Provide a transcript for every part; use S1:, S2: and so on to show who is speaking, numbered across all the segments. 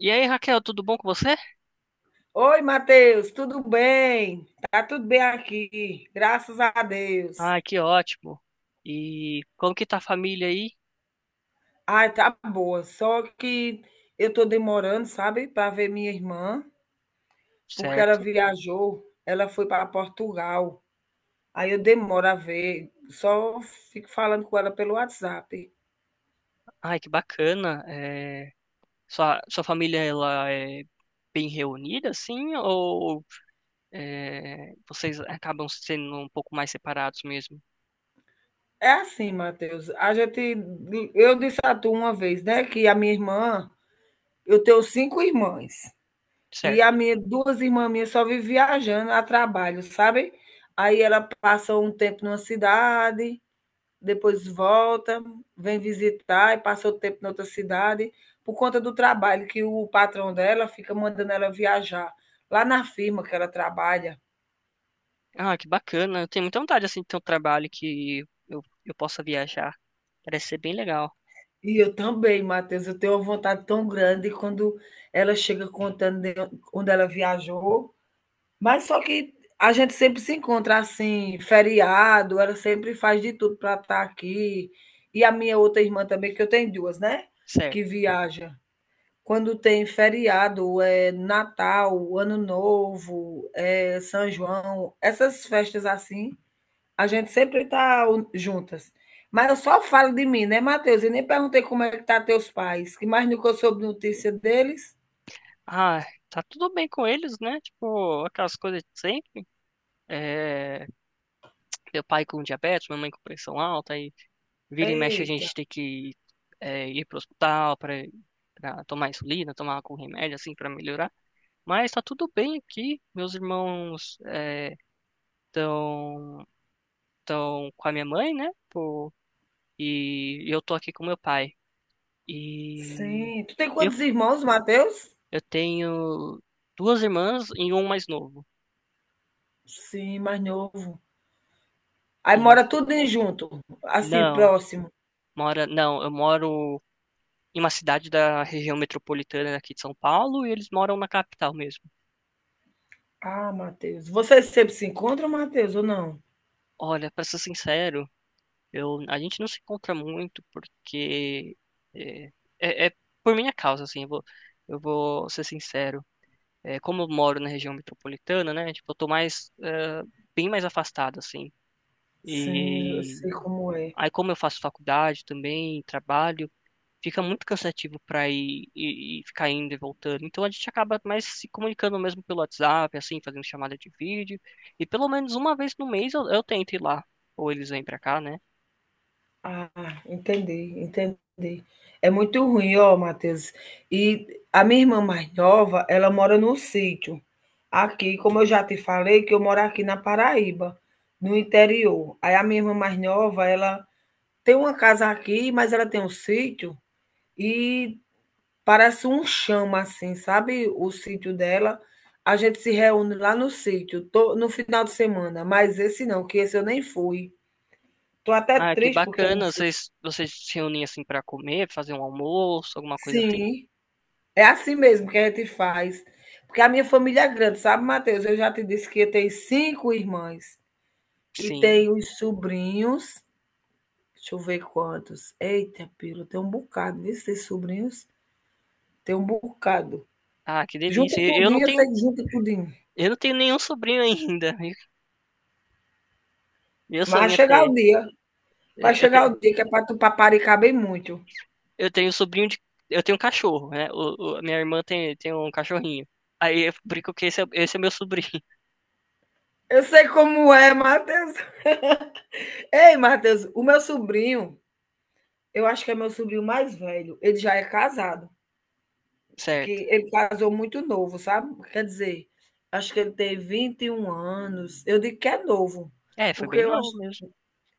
S1: E aí, Raquel, tudo bom com você?
S2: Oi, Matheus, tudo bem? Tá tudo bem aqui, graças a Deus.
S1: Ai, que ótimo. E como que tá a família aí?
S2: Ai, tá boa, só que eu tô demorando, sabe, para ver minha irmã, porque ela
S1: Certo.
S2: viajou, ela foi para Portugal. Aí eu demoro a ver, só fico falando com ela pelo WhatsApp.
S1: Ai, que bacana. É, Sua família, ela é bem reunida, assim? Ou é, vocês acabam sendo um pouco mais separados mesmo?
S2: É assim, Matheus, eu disse a tu uma vez, né, que a minha irmã, eu tenho cinco irmãs. E
S1: Certo.
S2: duas irmãs minhas só vivem viajando a trabalho, sabe? Aí ela passa um tempo numa cidade, depois volta, vem visitar e passa outro tempo em outra cidade, por conta do trabalho, que o patrão dela fica mandando ela viajar lá na firma que ela trabalha.
S1: Ah, que bacana. Eu tenho muita vontade, assim, de ter um trabalho que eu possa viajar. Parece ser bem legal.
S2: E eu também, Matheus, eu tenho uma vontade tão grande quando ela chega contando de onde ela viajou. Mas só que a gente sempre se encontra assim, feriado, ela sempre faz de tudo para estar aqui. E a minha outra irmã também, que eu tenho duas, né? Que
S1: Certo.
S2: viaja. Quando tem feriado, é Natal, Ano Novo, é São João, essas festas assim, a gente sempre tá juntas. Mas eu só falo de mim, né, Matheus? E nem perguntei como é que tá teus pais, que mais nunca eu soube notícia deles.
S1: Ah, tá tudo bem com eles, né? Tipo, aquelas coisas de sempre. É, meu pai com diabetes, minha mãe com pressão alta, e vira e mexe a
S2: Eita,
S1: gente tem que ir pro hospital para tomar insulina, tomar algum remédio assim para melhorar. Mas tá tudo bem aqui. Meus irmãos estão estão com a minha mãe, né? Pô, e eu tô aqui com meu pai. E
S2: sim. Tu tem
S1: eu,
S2: quantos irmãos, Matheus?
S1: eu tenho duas irmãs e um mais novo.
S2: Sim, mais novo. Aí
S1: E
S2: mora tudo em junto, assim,
S1: não,
S2: próximo.
S1: mora, não, eu moro em uma cidade da região metropolitana aqui de São Paulo e eles moram na capital mesmo.
S2: Ah, Matheus. Vocês sempre se encontram, Matheus, ou não?
S1: Olha, pra ser sincero, a gente não se encontra muito porque é, é por minha causa, assim, eu vou ser sincero. É, como eu moro na região metropolitana, né? Tipo, eu tô mais, bem mais afastado, assim.
S2: Sim, eu
S1: E
S2: sei como é.
S1: aí, como eu faço faculdade também, trabalho, fica muito cansativo para ir e ficar indo e voltando. Então a gente acaba mais se comunicando mesmo pelo WhatsApp, assim, fazendo chamada de vídeo. E pelo menos uma vez no mês eu tento ir lá, ou eles vêm para cá, né?
S2: Ah, entendi, entendi. É muito ruim, ó, Matheus. E a minha irmã mais nova, ela mora no sítio. Aqui, como eu já te falei, que eu moro aqui na Paraíba, no interior. Aí a minha irmã mais nova, ela tem uma casa aqui, mas ela tem um sítio e parece um chama, assim, sabe, o sítio dela. A gente se reúne lá no sítio, to no final de semana, mas esse não, que esse eu nem fui. Tô até
S1: Ah, que
S2: triste porque eu não
S1: bacana.
S2: fui.
S1: Vocês se reúnem assim para comer, fazer um almoço, alguma coisa assim?
S2: Sim, é assim mesmo que a gente faz. Porque a minha família é grande, sabe, Matheus? Eu já te disse que eu tenho cinco irmãs e
S1: Sim.
S2: tenho os sobrinhos. Deixa eu ver quantos. Eita, pila, tem um bocado, viu, esses sobrinhos? Tem um bocado.
S1: Ah, que
S2: Junta
S1: delícia. Eu eu não
S2: tudinho, eu
S1: tenho
S2: sei que junta tudinho,
S1: eu não tenho nenhum sobrinho ainda. Meu
S2: mas vai
S1: sonho é
S2: chegar
S1: ter.
S2: o dia. Vai
S1: é, Eu
S2: chegar
S1: tenho,
S2: o dia que é para tu paparicar bem muito.
S1: eu tenho sobrinho de Eu tenho um cachorro, né? A minha irmã tem um cachorrinho. Aí eu brinco que esse é meu sobrinho.
S2: Eu sei como é, Matheus. Ei, Matheus, o meu sobrinho, eu acho que é meu sobrinho mais velho, ele já é casado.
S1: Certo.
S2: Que ele casou muito novo, sabe? Quer dizer, acho que ele tem 21 anos. Eu digo que é novo,
S1: É, foi
S2: porque
S1: bem
S2: eu acho.
S1: novo mesmo.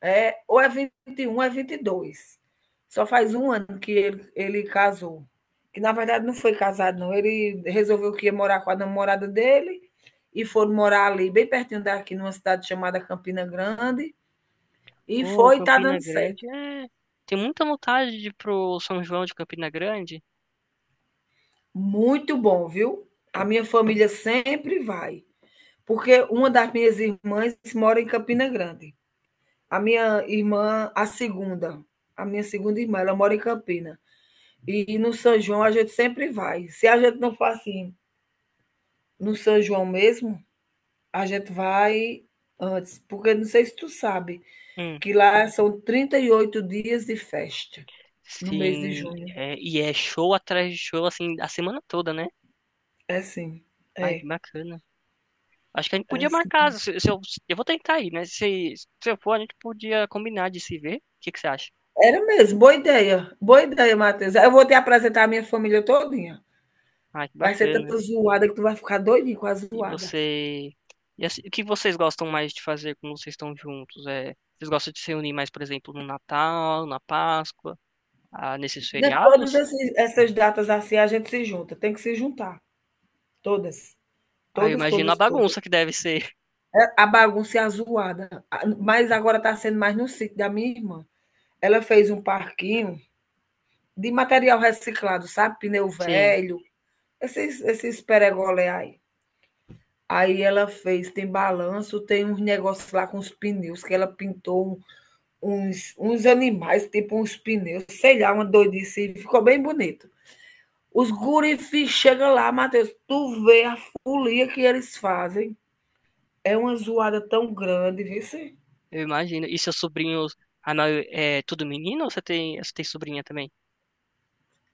S2: É, ou é 21, ou é 22. Só faz um ano que ele casou. Que na verdade não foi casado, não. Ele resolveu que ia morar com a namorada dele e foram morar ali, bem pertinho daqui, numa cidade chamada Campina Grande. E
S1: Ô,
S2: foi e tá
S1: Campina
S2: dando certo.
S1: Grande, é. Tem muita vontade de ir pro São João de Campina Grande.
S2: Muito bom, viu? A minha família sempre vai. Porque uma das minhas irmãs mora em Campina Grande. A minha irmã, a segunda, a minha segunda irmã, ela mora em Campina. E no São João a gente sempre vai. Se a gente não for assim, no São João mesmo, a gente vai antes, porque não sei se tu sabe,
S1: Hum,
S2: que lá são 38 dias de festa no mês de
S1: sim.
S2: junho.
S1: E é show atrás de show, assim, a semana toda, né?
S2: É sim,
S1: Ai, que
S2: é,
S1: bacana. Acho que a gente
S2: é
S1: podia
S2: sim.
S1: marcar. Se eu vou tentar ir, né? Se eu for, a gente podia combinar de se ver. O que que você acha?
S2: Era mesmo, boa ideia. Boa ideia, Matheus. Eu vou te apresentar a minha família todinha.
S1: Ai, que
S2: Vai ser
S1: bacana.
S2: tanta zoada que tu vai ficar doidinho com a
S1: E
S2: zoada.
S1: você. E assim, o que vocês gostam mais de fazer quando vocês estão juntos? É, vocês gostam de se reunir mais, por exemplo, no Natal, na Páscoa, ah, nesses
S2: De todas
S1: feriados?
S2: esses- essas datas assim, a gente se junta. Tem que se juntar. Todas.
S1: Ah, eu
S2: Todas,
S1: imagino a
S2: todas, todas.
S1: bagunça que deve ser.
S2: A bagunça é a. Mas agora está sendo mais no sítio da minha irmã. Ela fez um parquinho de material reciclado, sabe? Pneu
S1: Sim,
S2: velho, esses peregolé aí. Aí ela fez, tem balanço, tem uns negócios lá com os pneus, que ela pintou uns animais, tipo uns pneus, sei lá, uma doidice, ficou bem bonito. Os gurifi chegam lá, Matheus, tu vê a folia que eles fazem. É uma zoada tão grande, viu? Sim?
S1: eu imagino. E seus sobrinhos, ah, não, é tudo menino ou você tem sobrinha também?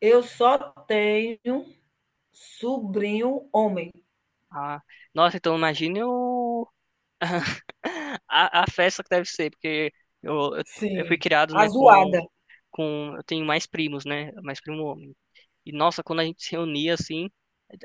S2: Eu só tenho sobrinho homem.
S1: Ah, nossa, então imagine. A festa que deve ser, porque eu, eu, eu fui
S2: Sim,
S1: criado,
S2: a
S1: né, com,
S2: zoada.
S1: com... Eu tenho mais primos, né, mais primo homem. E, nossa, quando a gente se reunia, assim,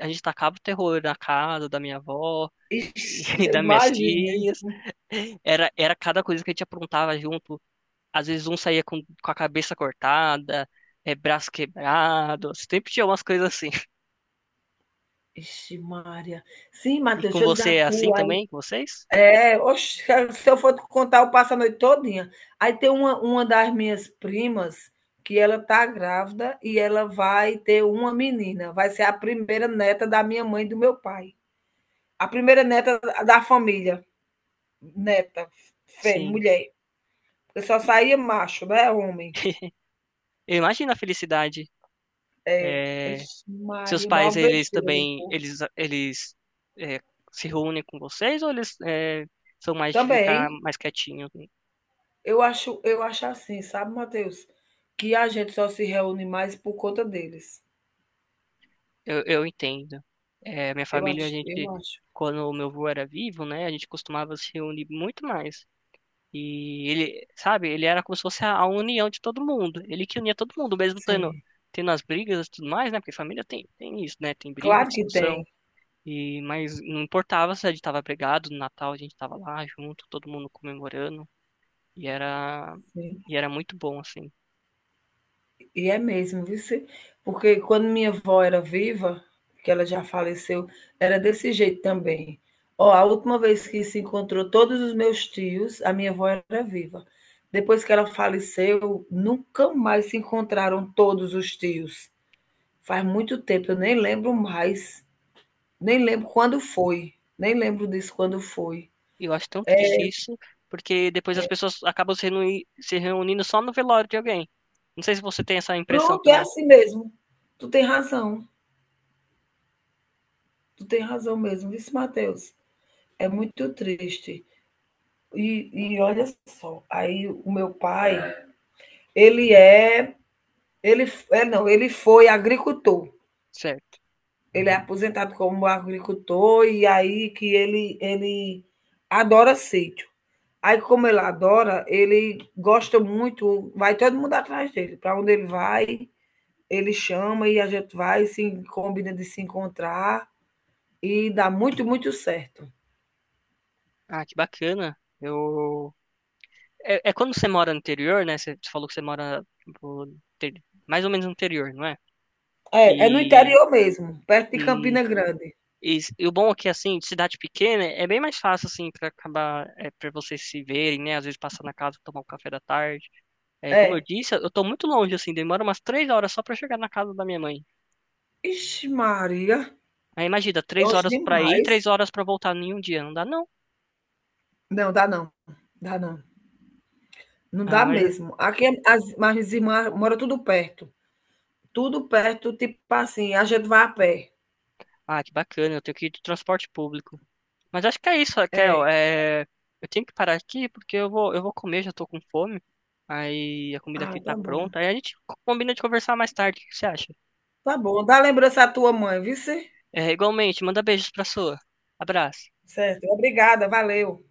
S1: a gente tacava o terror na casa da minha avó
S2: Ixi,
S1: e
S2: eu
S1: das minhas
S2: imaginei.
S1: tias. Era cada coisa que a gente aprontava junto. Às vezes um saía com a cabeça cortada, braço quebrado. Sempre tinha umas coisas assim.
S2: Ixi Maria. Sim,
S1: E
S2: Matheus,
S1: com
S2: deixa eu dizer a
S1: você é assim
S2: tua aí.
S1: também, com vocês?
S2: É, oxe, se eu for te contar, eu passo a noite todinha. Aí tem uma das minhas primas que ela tá grávida e ela vai ter uma menina, vai ser a primeira neta da minha mãe e do meu pai. A primeira neta da família, neta, fé
S1: Sim.
S2: mulher, porque só
S1: E-
S2: saía macho, né, homem.
S1: Eu imagino a felicidade. É,
S2: Ixi
S1: seus
S2: Maria, maior
S1: pais, eles
S2: besteira do
S1: também,
S2: povo.
S1: eles é, se reúnem com vocês ou eles são mais de ficar
S2: Também,
S1: mais quietinho?
S2: eu acho assim, sabe, Matheus, que a gente só se reúne mais por conta deles.
S1: Eu entendo. É, minha
S2: Eu
S1: família, a
S2: acho eu
S1: gente,
S2: acho.
S1: quando o meu avô era vivo, né, a gente costumava se reunir muito mais. E ele, sabe, ele era como se fosse a união de todo mundo. Ele que unia todo mundo, mesmo tendo,
S2: Sim,
S1: tendo as brigas e tudo mais, né? Porque família tem isso, né? Tem briga,
S2: claro que tem,
S1: discussão. E, mas não importava se a gente tava brigado, no Natal a gente tava lá junto, todo mundo comemorando. E era,
S2: sim.
S1: e era muito bom, assim.
S2: E é mesmo, viu se porque quando minha avó era viva, que ela já faleceu, era desse jeito também. Ó, a última vez que se encontrou todos os meus tios, a minha avó era viva. Depois que ela faleceu, nunca mais se encontraram todos os tios. Faz muito tempo, eu nem lembro mais, nem lembro quando foi, nem lembro disso quando foi.
S1: E eu acho tão triste isso, porque depois as pessoas acabam se reunindo só no velório de alguém. Não sei se você tem essa impressão
S2: Pronto, é
S1: também.
S2: assim mesmo. Tu tem razão, tu tem razão mesmo, vixe Mateus, é muito triste. E olha só, aí o meu pai, ele é ele f é não, ele foi agricultor,
S1: Certo.
S2: ele é aposentado como agricultor e aí que ele adora sítio. Aí, como ele adora, ele gosta muito, vai todo mundo atrás dele. Para onde ele vai, ele chama e a gente vai, se combina de se encontrar e dá muito, muito certo.
S1: Ah, que bacana. Eu é quando você mora no interior, né? Você falou que você mora tipo, mais ou menos no interior, não é?
S2: É, é no
S1: E,
S2: interior mesmo, perto de
S1: e,
S2: Campina Grande.
S1: e o bom é que, assim, de cidade pequena, é bem mais fácil, assim, para acabar, para vocês se verem, né? Às vezes passar na casa, tomar um café da tarde. É, como eu
S2: É.
S1: disse, eu tô muito longe, assim, demora umas 3 horas só para chegar na casa da minha mãe.
S2: Ixi, Maria,
S1: Aí imagina, três
S2: longe
S1: horas para ir,
S2: demais.
S1: 3 horas para voltar em um dia. Não dá, não.
S2: Não, dá não. Dá não. Não
S1: Ah,
S2: dá
S1: mas,
S2: mesmo. Aqui as minhas irmãs moram tudo perto. Tudo perto, tipo assim, a gente vai a pé.
S1: ah, que bacana, eu tenho que ir de transporte público. Mas acho que é isso, Raquel.
S2: É.
S1: É, eu tenho que parar aqui porque eu vou comer, já tô com fome. Aí a comida aqui
S2: Ah,
S1: tá
S2: tá bom.
S1: pronta. Aí a gente combina de conversar mais tarde. O que você acha?
S2: Tá bom, dá lembrança à tua mãe, viu? Cê?
S1: É, igualmente, manda beijos pra sua. Abraço.
S2: Certo, obrigada, valeu.